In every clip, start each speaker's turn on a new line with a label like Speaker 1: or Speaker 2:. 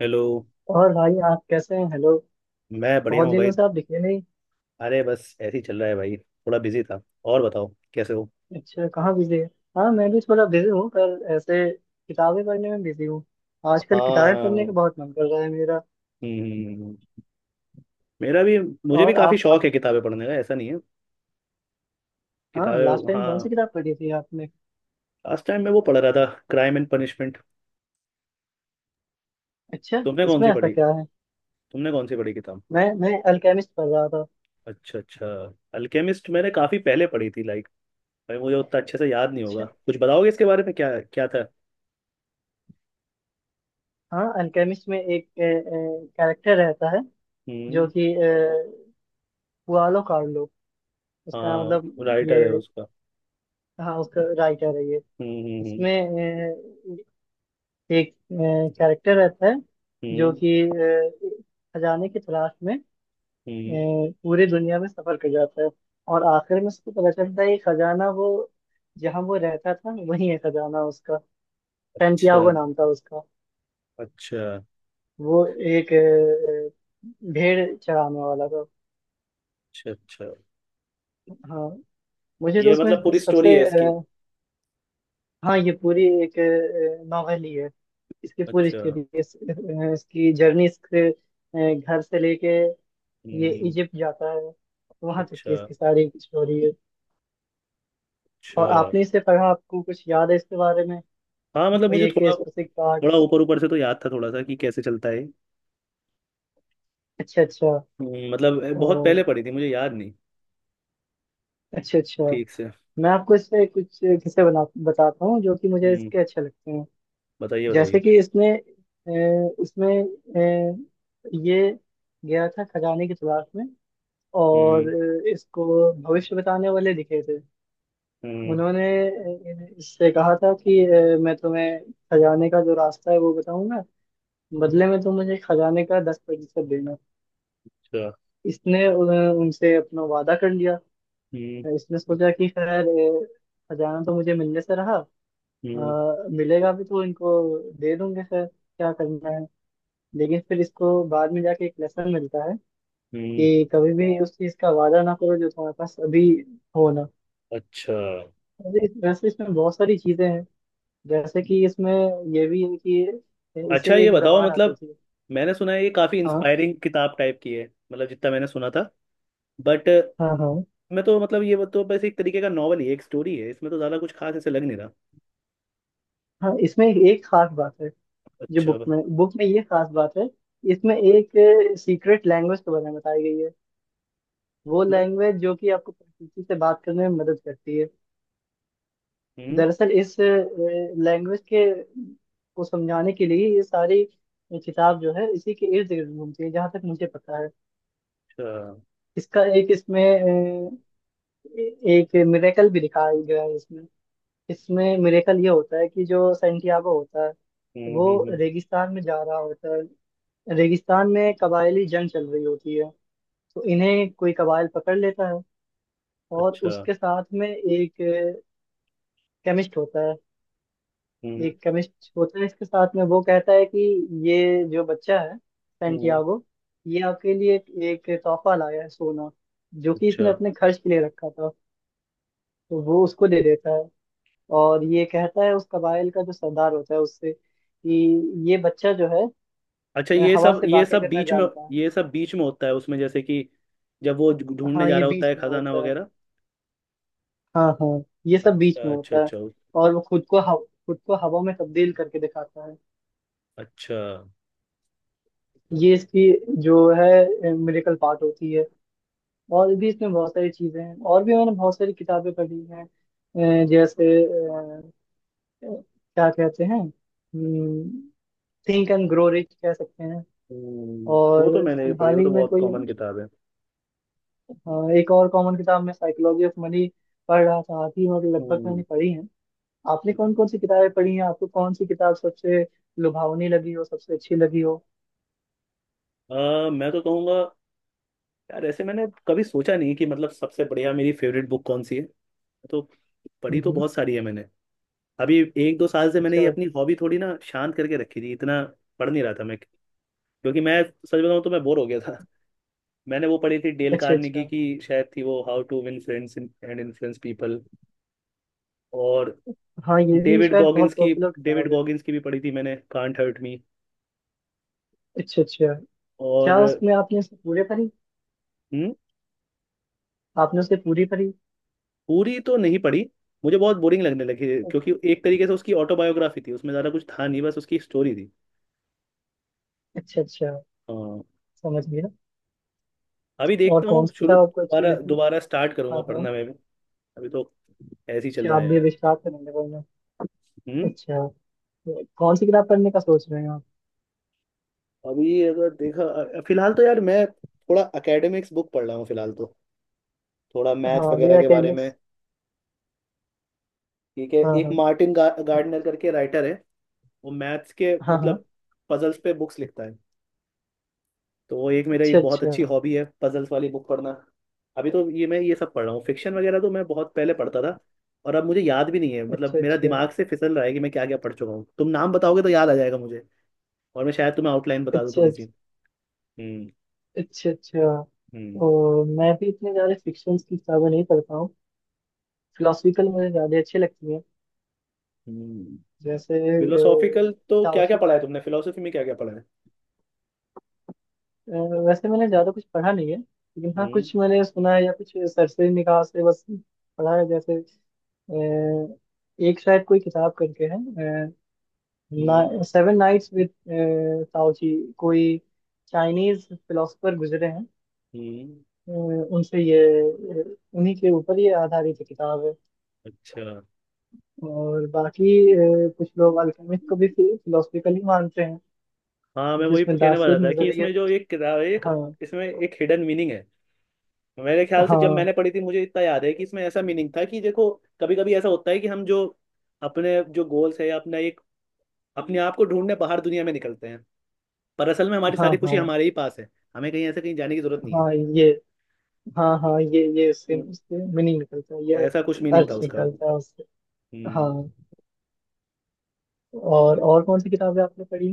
Speaker 1: Hello.
Speaker 2: और भाई आप कैसे हैं, हेलो।
Speaker 1: मैं बढ़िया
Speaker 2: बहुत
Speaker 1: हूँ
Speaker 2: दिनों
Speaker 1: भाई।
Speaker 2: से आप दिखे नहीं।
Speaker 1: अरे बस ऐसे ही चल रहा है भाई, थोड़ा बिजी था। और बताओ, कैसे हो।
Speaker 2: अच्छा, कहाँ बिजी है? हाँ, मैं भी थोड़ा बिजी हूँ पर ऐसे किताबें पढ़ने में बिजी हूँ। आजकल किताबें पढ़ने का
Speaker 1: हाँ।
Speaker 2: बहुत मन कर रहा है मेरा।
Speaker 1: हम्म। मेरा भी। मुझे भी
Speaker 2: और
Speaker 1: काफ़ी
Speaker 2: आप
Speaker 1: शौक
Speaker 2: आप?
Speaker 1: है किताबें पढ़ने का, ऐसा नहीं है।
Speaker 2: हाँ, लास्ट
Speaker 1: किताबें,
Speaker 2: टाइम कौन सी
Speaker 1: हाँ।
Speaker 2: किताब पढ़ी थी आपने?
Speaker 1: लास्ट टाइम मैं वो पढ़ रहा था, क्राइम एंड पनिशमेंट।
Speaker 2: अच्छा,
Speaker 1: तुमने कौन
Speaker 2: इसमें
Speaker 1: सी
Speaker 2: ऐसा
Speaker 1: पढ़ी
Speaker 2: क्या है?
Speaker 1: तुमने कौन सी पढ़ी किताब?
Speaker 2: मैं अल्केमिस्ट पढ़ रहा था।
Speaker 1: अच्छा अच्छा। अल्केमिस्ट मैंने काफ़ी पहले पढ़ी थी। लाइक भाई, मुझे उतना अच्छे से याद नहीं होगा,
Speaker 2: अच्छा।
Speaker 1: कुछ बताओगे इसके बारे में क्या क्या था?
Speaker 2: हाँ, अल्केमिस्ट में एक कैरेक्टर रहता है
Speaker 1: हम्म।
Speaker 2: जो कि पुआलो कार्लो, उसका मतलब
Speaker 1: हाँ,
Speaker 2: ये।
Speaker 1: राइटर है उसका।
Speaker 2: हाँ, उसका राइटर है ये।
Speaker 1: हम्म।
Speaker 2: इसमें एक कैरेक्टर रहता है जो
Speaker 1: हम्म
Speaker 2: कि खजाने की तलाश में अ,
Speaker 1: हम्म।
Speaker 2: पूरी दुनिया में सफर कर जाता है, और आखिर में उसको पता चलता है कि खजाना वो, जहाँ वो रहता था वही है खजाना उसका।
Speaker 1: अच्छा
Speaker 2: सैंटियागो नाम था उसका।
Speaker 1: अच्छा।
Speaker 2: वो एक भेड़ चराने वाला था।
Speaker 1: अच्छा अच्छा।
Speaker 2: हाँ, मुझे तो
Speaker 1: ये मतलब
Speaker 2: उसमें
Speaker 1: पूरी स्टोरी
Speaker 2: सबसे
Speaker 1: है इसकी?
Speaker 2: हाँ ये पूरी एक नॉवेल ही है, इसकी पूरी
Speaker 1: अच्छा।
Speaker 2: स्टोरी। इसकी जर्नी, इसके घर से लेके ये
Speaker 1: हम्म।
Speaker 2: इजिप्ट जाता है, वहां तक की
Speaker 1: अच्छा
Speaker 2: इसकी सारी स्टोरी है।
Speaker 1: अच्छा।
Speaker 2: और आपने इसे पढ़ा, आपको कुछ याद है इसके बारे में?
Speaker 1: हाँ मतलब
Speaker 2: कोई
Speaker 1: मुझे
Speaker 2: एक
Speaker 1: थोड़ा,
Speaker 2: स्पेसिफिक पार्ट?
Speaker 1: थोड़ा ऊपर ऊपर से तो याद था, थोड़ा सा कि कैसे चलता है।
Speaker 2: अच्छा अच्छा।
Speaker 1: मतलब
Speaker 2: ओ,
Speaker 1: बहुत पहले पढ़ी थी, मुझे याद नहीं
Speaker 2: अच्छा अच्छा।
Speaker 1: ठीक से।
Speaker 2: मैं आपको इससे कुछ किस्से बना, बताता हूँ जो कि मुझे
Speaker 1: हम्म।
Speaker 2: इसके अच्छे लगते हैं।
Speaker 1: बताइए
Speaker 2: जैसे
Speaker 1: बताइए।
Speaker 2: कि इसमें अ, इसमें अ, ये गया था खजाने की तलाश में, और
Speaker 1: हम्म
Speaker 2: इसको भविष्य बताने वाले दिखे थे।
Speaker 1: हम्म।
Speaker 2: उन्होंने इससे कहा था कि मैं तुम्हें खजाने का जो रास्ता है वो बताऊंगा, बदले में तुम मुझे खजाने का 10% देना।
Speaker 1: अच्छा।
Speaker 2: इसने उनसे अपना वादा कर लिया।
Speaker 1: हम्म
Speaker 2: इसने सोचा कि खैर खजाना तो मुझे मिलने से रहा,
Speaker 1: हम्म।
Speaker 2: मिलेगा भी तो इनको दे दूंगे, खैर क्या करना है। लेकिन फिर इसको बाद में जाके एक लेसन मिलता है
Speaker 1: हम्म,
Speaker 2: कि कभी भी उस चीज का वादा ना करो जो तुम्हारे पास अभी हो ना।
Speaker 1: अच्छा
Speaker 2: वैसे वैसे इसमें बहुत सारी चीजें हैं। जैसे कि इसमें ये भी है कि
Speaker 1: अच्छा।
Speaker 2: इसे
Speaker 1: ये
Speaker 2: एक
Speaker 1: बताओ
Speaker 2: जबान आती
Speaker 1: मतलब,
Speaker 2: थी।
Speaker 1: मैंने सुना है ये काफ़ी
Speaker 2: हाँ
Speaker 1: इंस्पायरिंग किताब टाइप की है, मतलब जितना मैंने सुना था। बट
Speaker 2: हाँ। हाँ
Speaker 1: मैं तो मतलब, ये तो बस एक तरीके का नॉवल ही है, एक स्टोरी है, इसमें तो ज़्यादा कुछ खास ऐसे लग नहीं रहा।
Speaker 2: हाँ। इसमें एक खास बात है, जो
Speaker 1: अच्छा
Speaker 2: बुक
Speaker 1: मतलब।
Speaker 2: में बुक में ये खास बात है। इसमें एक सीक्रेट लैंग्वेज के बारे में बताई गई है, वो लैंग्वेज जो कि आपको प्रकृति से बात करने में मदद करती है।
Speaker 1: हम्म।
Speaker 2: दरअसल इस लैंग्वेज के, को समझाने के लिए ये सारी किताब जो है इसी के इर्द गिर्द घूमती है, जहाँ तक मुझे पता है।
Speaker 1: अच्छा।
Speaker 2: इसका एक इसमें ए- एक मिरेकल भी दिखाया गया है इसमें। इसमें मिरेकल ये होता है कि जो सैंटियागो होता है
Speaker 1: हम्म हम्म
Speaker 2: वो
Speaker 1: हम्म,
Speaker 2: रेगिस्तान में जा रहा होता है। रेगिस्तान में कबायली जंग चल रही होती है, तो इन्हें कोई कबायल पकड़ लेता है, और
Speaker 1: अच्छा।
Speaker 2: उसके साथ में एक केमिस्ट होता है।
Speaker 1: हम्म
Speaker 2: एक केमिस्ट होता है इसके साथ में, वो कहता है कि ये जो बच्चा है
Speaker 1: हम्म,
Speaker 2: सैंटियागो, ये आपके लिए एक तोहफा लाया है, सोना, जो कि
Speaker 1: अच्छा
Speaker 2: इसने अपने खर्च के लिए रखा था। तो वो उसको दे देता है, और ये कहता है उस कबाइल का जो सरदार होता है उससे कि ये बच्चा जो है
Speaker 1: अच्छा। ये
Speaker 2: हवा
Speaker 1: सब
Speaker 2: से
Speaker 1: ये
Speaker 2: बातें
Speaker 1: सब
Speaker 2: करना
Speaker 1: बीच में।
Speaker 2: जानता है।
Speaker 1: ये सब बीच में होता है उसमें, जैसे कि जब वो ढूंढने
Speaker 2: हाँ,
Speaker 1: जा
Speaker 2: ये
Speaker 1: रहा होता
Speaker 2: बीच
Speaker 1: है
Speaker 2: में
Speaker 1: खजाना
Speaker 2: होता है।
Speaker 1: वगैरह।
Speaker 2: हाँ हाँ, ये सब बीच
Speaker 1: अच्छा
Speaker 2: में
Speaker 1: अच्छा
Speaker 2: होता है।
Speaker 1: अच्छा।
Speaker 2: और वो खुद को खुद को हवा में तब्दील करके दिखाता है।
Speaker 1: अच्छा।
Speaker 2: ये इसकी जो है मेडिकल पार्ट होती है। और भी इसमें बहुत सारी चीजें हैं, और भी मैंने बहुत सारी किताबें पढ़ी हैं। जैसे क्या कहते हैं, थिंक एंड ग्रो रिच कह सकते हैं।
Speaker 1: हम्म, वो तो
Speaker 2: और
Speaker 1: मैंने भी पढ़ी,
Speaker 2: फिलहाल
Speaker 1: वो
Speaker 2: ही
Speaker 1: तो
Speaker 2: में
Speaker 1: बहुत
Speaker 2: कोई
Speaker 1: कॉमन किताब है।
Speaker 2: अ, एक और कॉमन किताब, मैं साइकोलॉजी ऑफ मनी पढ़ रहा था, आधी और लगभग
Speaker 1: हम्म।
Speaker 2: मैंने पढ़ी है। आपने कौन कौन सी किताबें पढ़ी हैं, आपको कौन सी किताब सबसे लुभावनी लगी हो, सबसे अच्छी लगी हो?
Speaker 1: मैं तो कहूँगा, यार ऐसे मैंने कभी सोचा नहीं कि मतलब सबसे बढ़िया मेरी फेवरेट बुक कौन सी है। तो पढ़ी
Speaker 2: हम्म,
Speaker 1: तो
Speaker 2: हम्म।
Speaker 1: बहुत सारी है मैंने। अभी एक दो साल से मैंने
Speaker 2: अच्छा
Speaker 1: ये अपनी हॉबी थोड़ी ना शांत करके रखी थी, इतना पढ़ नहीं रहा था मैं, क्योंकि मैं सच बताऊं तो मैं बोर हो गया था। मैंने वो पढ़ी थी डेल
Speaker 2: अच्छा अच्छा।
Speaker 1: कार्नेगी की, शायद थी वो how to win friends and influence people. और
Speaker 2: हाँ, ये भी
Speaker 1: डेविड
Speaker 2: शायद बहुत
Speaker 1: गॉगिंस की
Speaker 2: पॉपुलर
Speaker 1: डेविड
Speaker 2: किताब है।
Speaker 1: गॉगिंस की भी पढ़ी थी मैंने, कांट हर्ट मी।
Speaker 2: अच्छा अच्छा।
Speaker 1: और
Speaker 2: क्या उसमें आपने उसे पूरे पढ़ी,
Speaker 1: हम्म,
Speaker 2: आपने उसे पूरी पढ़ी?
Speaker 1: पूरी तो नहीं पढ़ी। मुझे बहुत बोरिंग लगने लगी, क्योंकि एक तरीके से उसकी ऑटोबायोग्राफी थी, उसमें ज़्यादा कुछ था नहीं, बस उसकी स्टोरी थी।
Speaker 2: अच्छा अच्छा,
Speaker 1: हाँ।
Speaker 2: समझ गया।
Speaker 1: अभी
Speaker 2: और
Speaker 1: देखता
Speaker 2: कौन
Speaker 1: हूँ,
Speaker 2: सी
Speaker 1: शुरू
Speaker 2: किताब आपको अच्छी
Speaker 1: दोबारा
Speaker 2: लगी?
Speaker 1: दोबारा स्टार्ट करूंगा
Speaker 2: हाँ हाँ।
Speaker 1: पढ़ना मैं भी। अभी तो ऐसे ही चल
Speaker 2: अच्छा,
Speaker 1: रहा
Speaker 2: आप
Speaker 1: है
Speaker 2: भी
Speaker 1: यार।
Speaker 2: विस्तार करेंगे बोलना।
Speaker 1: हम्म।
Speaker 2: अच्छा, तो कौन सी किताब पढ़ने का सोच रहे हैं आप?
Speaker 1: अभी अगर देखा अ- फिलहाल तो यार मैं थोड़ा एकेडमिक्स बुक पढ़ रहा हूँ फिलहाल तो, थोड़ा मैथ्स
Speaker 2: हाँ वे
Speaker 1: वगैरह के बारे में।
Speaker 2: अकेनिक्स।
Speaker 1: ठीक है,
Speaker 2: हाँ
Speaker 1: एक
Speaker 2: हाँ।
Speaker 1: मार्टिन गार्डनर करके राइटर है, वो मैथ्स के
Speaker 2: हाँ हाँ।
Speaker 1: मतलब पजल्स पे बुक्स लिखता है। तो वो एक मेरा
Speaker 2: अच्छा
Speaker 1: एक बहुत
Speaker 2: अच्छा।
Speaker 1: अच्छी हॉबी है, पजल्स वाली बुक पढ़ना। अभी तो ये मैं ये सब पढ़ रहा हूँ, फिक्शन वगैरह तो मैं बहुत पहले पढ़ता था। और अब मुझे याद भी नहीं है,
Speaker 2: अच्छा
Speaker 1: मतलब मेरा
Speaker 2: अच्छा।
Speaker 1: दिमाग से फिसल रहा है कि मैं क्या क्या पढ़ चुका हूँ, तुम नाम बताओगे तो याद आ जाएगा मुझे, और मैं शायद तुम्हें आउटलाइन
Speaker 2: अच्छा
Speaker 1: बता दूँ
Speaker 2: अच्छा।
Speaker 1: थोड़ी सी। हम्म।
Speaker 2: अच्छा अच्छा।
Speaker 1: हम्म।
Speaker 2: और मैं भी इतने ज़्यादा फिक्शन की किताबें नहीं पढ़ता हूँ, फिलोसफिकल मुझे ज़्यादा अच्छी लगती है।
Speaker 1: हम्म।
Speaker 2: जैसे
Speaker 1: फिलोसॉफिकल
Speaker 2: अ,
Speaker 1: तो क्या क्या
Speaker 2: ताओशी,
Speaker 1: पढ़ा है तुमने, फिलोसफी में क्या क्या पढ़ा है?
Speaker 2: अ, वैसे मैंने ज़्यादा कुछ पढ़ा नहीं है लेकिन हाँ
Speaker 1: हम्म।
Speaker 2: कुछ मैंने सुना है या कुछ सरसरी निगाह से बस पढ़ा है। जैसे एक शायद कोई किताब करके है,
Speaker 1: हम्म।
Speaker 2: सेवन नाइट्स विद, ताओची कोई चाइनीज फिलोसफर गुजरे हैं,
Speaker 1: हम्म।
Speaker 2: उनसे ये उन्हीं के ऊपर ये आधारित किताब है।
Speaker 1: अच्छा।
Speaker 2: और बाकी कुछ लोग अल्केमिस्ट को भी फिलोसफिकल ही मानते हैं,
Speaker 1: हाँ, मैं वही
Speaker 2: जिसमें
Speaker 1: कहने वाला
Speaker 2: दार्शनिक
Speaker 1: था कि
Speaker 2: नजरिए।
Speaker 1: इसमें जो एक किताब है, एक,
Speaker 2: हाँ
Speaker 1: इसमें एक हिडन मीनिंग है। मेरे ख्याल से जब
Speaker 2: हाँ।
Speaker 1: मैंने पढ़ी थी, मुझे इतना याद है कि इसमें ऐसा मीनिंग था कि देखो, कभी कभी ऐसा होता है कि हम जो अपने जो गोल्स है, या अपना एक अपने आप को ढूंढने बाहर दुनिया में निकलते हैं, पर असल में हमारी
Speaker 2: हाँ
Speaker 1: सारी खुशी
Speaker 2: हाँ
Speaker 1: हमारे ही पास है, हमें कहीं ऐसे कहीं जाने की जरूरत नहीं है।
Speaker 2: हाँ। ये हाँ हाँ, ये उससे
Speaker 1: हम्म,
Speaker 2: उससे मीनिंग निकलता है ये,
Speaker 1: ऐसा कुछ मीनिंग था
Speaker 2: अर्थ
Speaker 1: उसका।
Speaker 2: निकलता है उससे। हाँ।
Speaker 1: हम्म।
Speaker 2: और कौन सी किताबें आपने पढ़ी?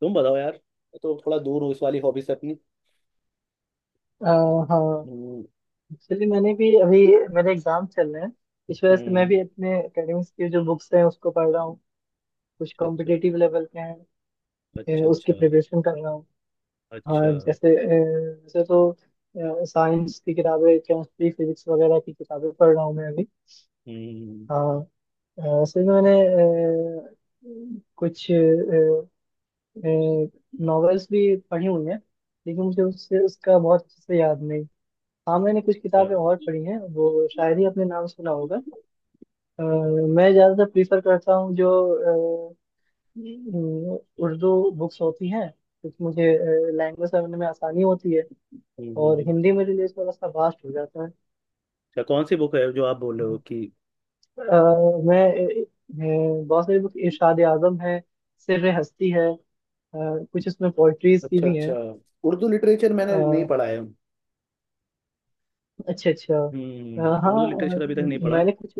Speaker 1: तुम बताओ यार, मैं तो थोड़ा दूर हूँ इस वाली हॉबी से अपनी।
Speaker 2: आ, हाँ,
Speaker 1: हम्म।
Speaker 2: एक्चुअली मैंने भी अभी, मेरे एग्जाम चल रहे हैं, इस वजह से मैं
Speaker 1: हम्म,
Speaker 2: भी अपने एकेडमिक्स की जो बुक्स हैं उसको पढ़ रहा हूँ। कुछ
Speaker 1: अच्छा अच्छा।
Speaker 2: कॉम्पिटिटिव लेवल के हैं,
Speaker 1: अच्छा
Speaker 2: उसकी
Speaker 1: अच्छा।
Speaker 2: प्रिपरेशन कर रहा हूँ। हाँ
Speaker 1: अच्छा।
Speaker 2: जैसे वैसे तो साइंस की किताबें, केमिस्ट्री फिजिक्स वगैरह की किताबें पढ़ रहा हूँ मैं अभी।
Speaker 1: हम्म।
Speaker 2: हाँ। असल में मैंने कुछ नॉवेल्स भी पढ़ी हुई हैं, लेकिन मुझे उससे उसका बहुत अच्छे से याद नहीं। हाँ, मैंने कुछ
Speaker 1: अच्छा।
Speaker 2: किताबें और
Speaker 1: हम्म।
Speaker 2: पढ़ी हैं वो शायरी, अपने नाम सुना होगा। अ, मैं ज़्यादातर प्रीफर करता हूँ जो अ, उर्दू बुक्स होती हैं, क्योंकि मुझे लैंग्वेज समझने में आसानी होती है।
Speaker 1: हम्म।
Speaker 2: और हिंदी में रिलीज थोड़ा सा वास्ट हो जाता है।
Speaker 1: अच्छा, कौन सी बुक है जो आप बोल रहे हो कि?
Speaker 2: मैं बहुत सारी बुक इरशाद आजम है, सिर्र हस्ती है, कुछ इसमें पोइट्रीज की
Speaker 1: अच्छा
Speaker 2: भी
Speaker 1: अच्छा।
Speaker 2: हैं।
Speaker 1: उर्दू लिटरेचर मैंने नहीं
Speaker 2: अ,
Speaker 1: पढ़ा है।
Speaker 2: अच्छा अच्छा। अ,
Speaker 1: हम्म,
Speaker 2: हाँ
Speaker 1: उर्दू लिटरेचर
Speaker 2: अ,
Speaker 1: अभी तक नहीं पढ़ा।
Speaker 2: मैंने कुछ,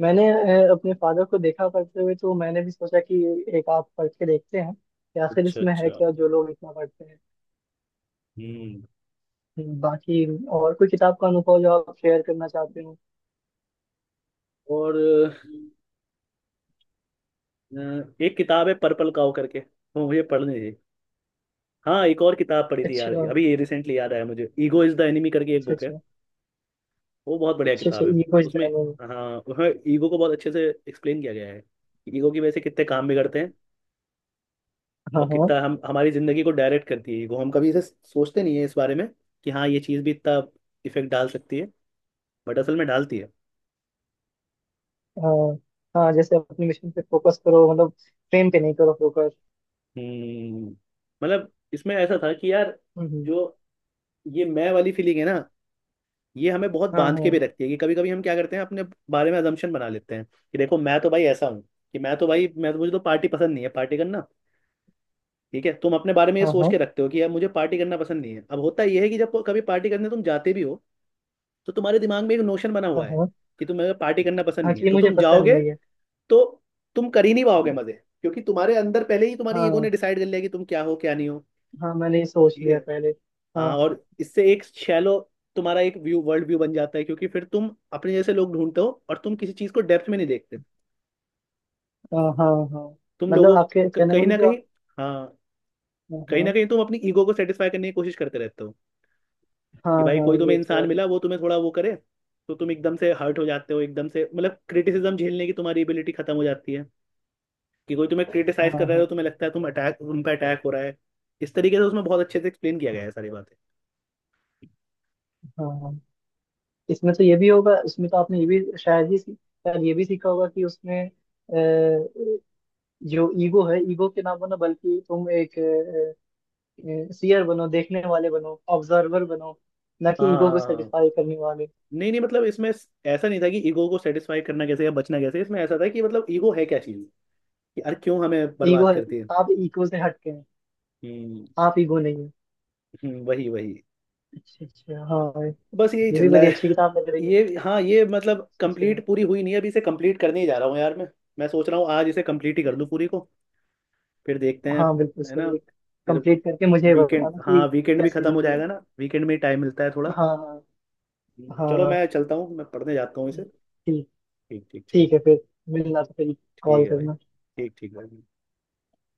Speaker 2: मैंने अपने फादर को देखा पढ़ते हुए, तो मैंने भी सोचा कि एक आप पढ़ के देखते हैं कि आखिर
Speaker 1: अच्छा
Speaker 2: इसमें है
Speaker 1: अच्छा।
Speaker 2: क्या जो लोग इतना पढ़ते हैं।
Speaker 1: हम्म।
Speaker 2: बाकी और कोई किताब का अनुभव जो आप शेयर करना चाहते हो?
Speaker 1: और अ, एक किताब है पर्पल काउ करके, वो मुझे पढ़नी थी। हाँ, एक और किताब पढ़ी थी यार,
Speaker 2: अच्छा।
Speaker 1: अभी ये रिसेंटली याद आया मुझे, ईगो इज द एनिमी करके एक
Speaker 2: अच्छा
Speaker 1: बुक है।
Speaker 2: अच्छा।
Speaker 1: वो बहुत बढ़िया
Speaker 2: अच्छा अच्छा,
Speaker 1: किताब है।
Speaker 2: ये कुछ
Speaker 1: उसमें,
Speaker 2: डायलॉग।
Speaker 1: हाँ उसमें ईगो को बहुत अच्छे से एक्सप्लेन किया गया है, कि ईगो की वजह से कितने काम बिगड़ते हैं,
Speaker 2: हाँ
Speaker 1: और
Speaker 2: हाँ।
Speaker 1: कितना हम हमारी जिंदगी को डायरेक्ट करती है ईगो, हम कभी इसे सोचते नहीं है इस बारे में, कि हाँ ये चीज़ भी इतना इफेक्ट डाल सकती है, बट असल में डालती है।
Speaker 2: हाँ, हाँ जैसे अपने मिशन पे फोकस करो, मतलब फ्रेम पे नहीं करो फोकस।
Speaker 1: हम्म, मतलब इसमें ऐसा था कि यार,
Speaker 2: हम्म।
Speaker 1: जो ये मैं वाली फीलिंग है ना, ये हमें बहुत
Speaker 2: हाँ
Speaker 1: बांध
Speaker 2: हाँ।
Speaker 1: के भी रखती है, कि कभी कभी हम क्या करते हैं, अपने बारे में अजम्पशन बना लेते हैं, कि देखो मैं तो भाई ऐसा हूँ, कि मैं तो भाई, मैं तो मुझे तो पार्टी पसंद नहीं है, पार्टी करना। ठीक है, तुम अपने बारे में ये
Speaker 2: हाँ
Speaker 1: सोच
Speaker 2: हाँ
Speaker 1: के रखते हो कि यार मुझे पार्टी करना पसंद नहीं है, अब होता यह है कि जब कभी पार्टी करने तुम जाते भी हो, तो तुम्हारे दिमाग में एक नोशन बना
Speaker 2: हाँ।
Speaker 1: हुआ है
Speaker 2: हाँ
Speaker 1: कि तुम्हें पार्टी करना पसंद
Speaker 2: हाँ
Speaker 1: नहीं
Speaker 2: कि
Speaker 1: है,
Speaker 2: ये
Speaker 1: तो
Speaker 2: मुझे
Speaker 1: तुम
Speaker 2: पसंद
Speaker 1: जाओगे
Speaker 2: नहीं है।
Speaker 1: तो तुम कर ही नहीं पाओगे मजे, क्योंकि तुम्हारे अंदर पहले ही तुम्हारी ईगो ने
Speaker 2: हाँ
Speaker 1: डिसाइड कर लिया कि तुम क्या हो क्या नहीं हो।
Speaker 2: हाँ, मैंने ये सोच
Speaker 1: ठीक है।
Speaker 2: लिया पहले। हाँ
Speaker 1: हाँ,
Speaker 2: हाँ।
Speaker 1: और इससे एक शैलो तुम्हारा एक व्यू, वर्ल्ड व्यू बन जाता है, क्योंकि फिर तुम अपने जैसे लोग ढूंढते हो और तुम किसी चीज को डेप्थ में नहीं देखते।
Speaker 2: हाँ हाँ। हाँ,
Speaker 1: तुम लोगों,
Speaker 2: मतलब आपके कहने का
Speaker 1: कहीं ना
Speaker 2: मतलब जो
Speaker 1: कहीं,
Speaker 2: आप-।
Speaker 1: हाँ,
Speaker 2: हाँ
Speaker 1: कहीं ना
Speaker 2: हाँ।
Speaker 1: कहीं तुम अपनी ईगो को सेटिस्फाई करने की कोशिश करते रहते हो।
Speaker 2: हाँ
Speaker 1: कि भाई
Speaker 2: हाँ,
Speaker 1: कोई तुम्हें
Speaker 2: ये तो
Speaker 1: इंसान
Speaker 2: है।
Speaker 1: मिला, वो तुम्हें थोड़ा वो करे, तो तुम एकदम से हर्ट हो जाते हो, एकदम से मतलब क्रिटिसिज्म झेलने की तुम्हारी एबिलिटी खत्म हो जाती है, कि कोई तुम्हें
Speaker 2: हाँ
Speaker 1: क्रिटिसाइज कर रहा है तो
Speaker 2: हाँ।
Speaker 1: तुम्हें लगता है तुम पे अटैक हो रहा है। इस तरीके से उसमें बहुत अच्छे से एक्सप्लेन किया गया है सारी बातें।
Speaker 2: हाँ हाँ। इसमें तो ये भी होगा, इसमें तो आपने ये भी शायद ये भी सीखा होगा कि उसमें जो ईगो है, ईगो के ना बनो, बल्कि तुम एक सीयर बनो, देखने वाले बनो, ऑब्जर्वर बनो, ना कि
Speaker 1: हाँ
Speaker 2: ईगो
Speaker 1: हाँ
Speaker 2: को
Speaker 1: हाँ। हाँ।
Speaker 2: सेटिस्फाई करने वाले।
Speaker 1: नहीं नहीं, मतलब इसमें ऐसा नहीं था कि ईगो को सेटिस्फाई करना कैसे या बचना कैसे, इसमें ऐसा था कि मतलब ईगो है क्या चीज़, कि यार क्यों हमें
Speaker 2: ईगो,
Speaker 1: बर्बाद करती है।
Speaker 2: आप ईगो से हटके हैं,
Speaker 1: हम्म।
Speaker 2: आप ईगो नहीं है।
Speaker 1: वही वही।
Speaker 2: अच्छा अच्छा। हाँ,
Speaker 1: बस यही
Speaker 2: ये भी
Speaker 1: चल रहा
Speaker 2: बड़ी
Speaker 1: है।
Speaker 2: अच्छी किताब लग रही है।
Speaker 1: ये हाँ, ये मतलब
Speaker 2: अच्छा अच्छा।
Speaker 1: कंप्लीट पूरी हुई नहीं है, अभी इसे कंप्लीट करने ही जा रहा हूँ यार मैं सोच रहा हूँ आज इसे कंप्लीट ही कर दूँ पूरी को, फिर देखते हैं।
Speaker 2: हाँ, बिल्कुल
Speaker 1: है ना।
Speaker 2: सही।
Speaker 1: फिर
Speaker 2: कंप्लीट करके मुझे
Speaker 1: वीकेंड,
Speaker 2: बताना कि
Speaker 1: हाँ वीकेंड भी
Speaker 2: कैसी
Speaker 1: खत्म हो
Speaker 2: लगी है।
Speaker 1: जाएगा ना, वीकेंड में टाइम मिलता है थोड़ा।
Speaker 2: हाँ। हाँ
Speaker 1: चलो,
Speaker 2: हाँ।
Speaker 1: मैं चलता हूँ, मैं पढ़ने जाता हूँ इसे।
Speaker 2: ठीक।
Speaker 1: ठीक ठीक चलो।
Speaker 2: ठीक है फिर, मिलना तो फिर,
Speaker 1: ठीक
Speaker 2: कॉल
Speaker 1: है भाई।
Speaker 2: करना।
Speaker 1: ठीक ठीक भाई।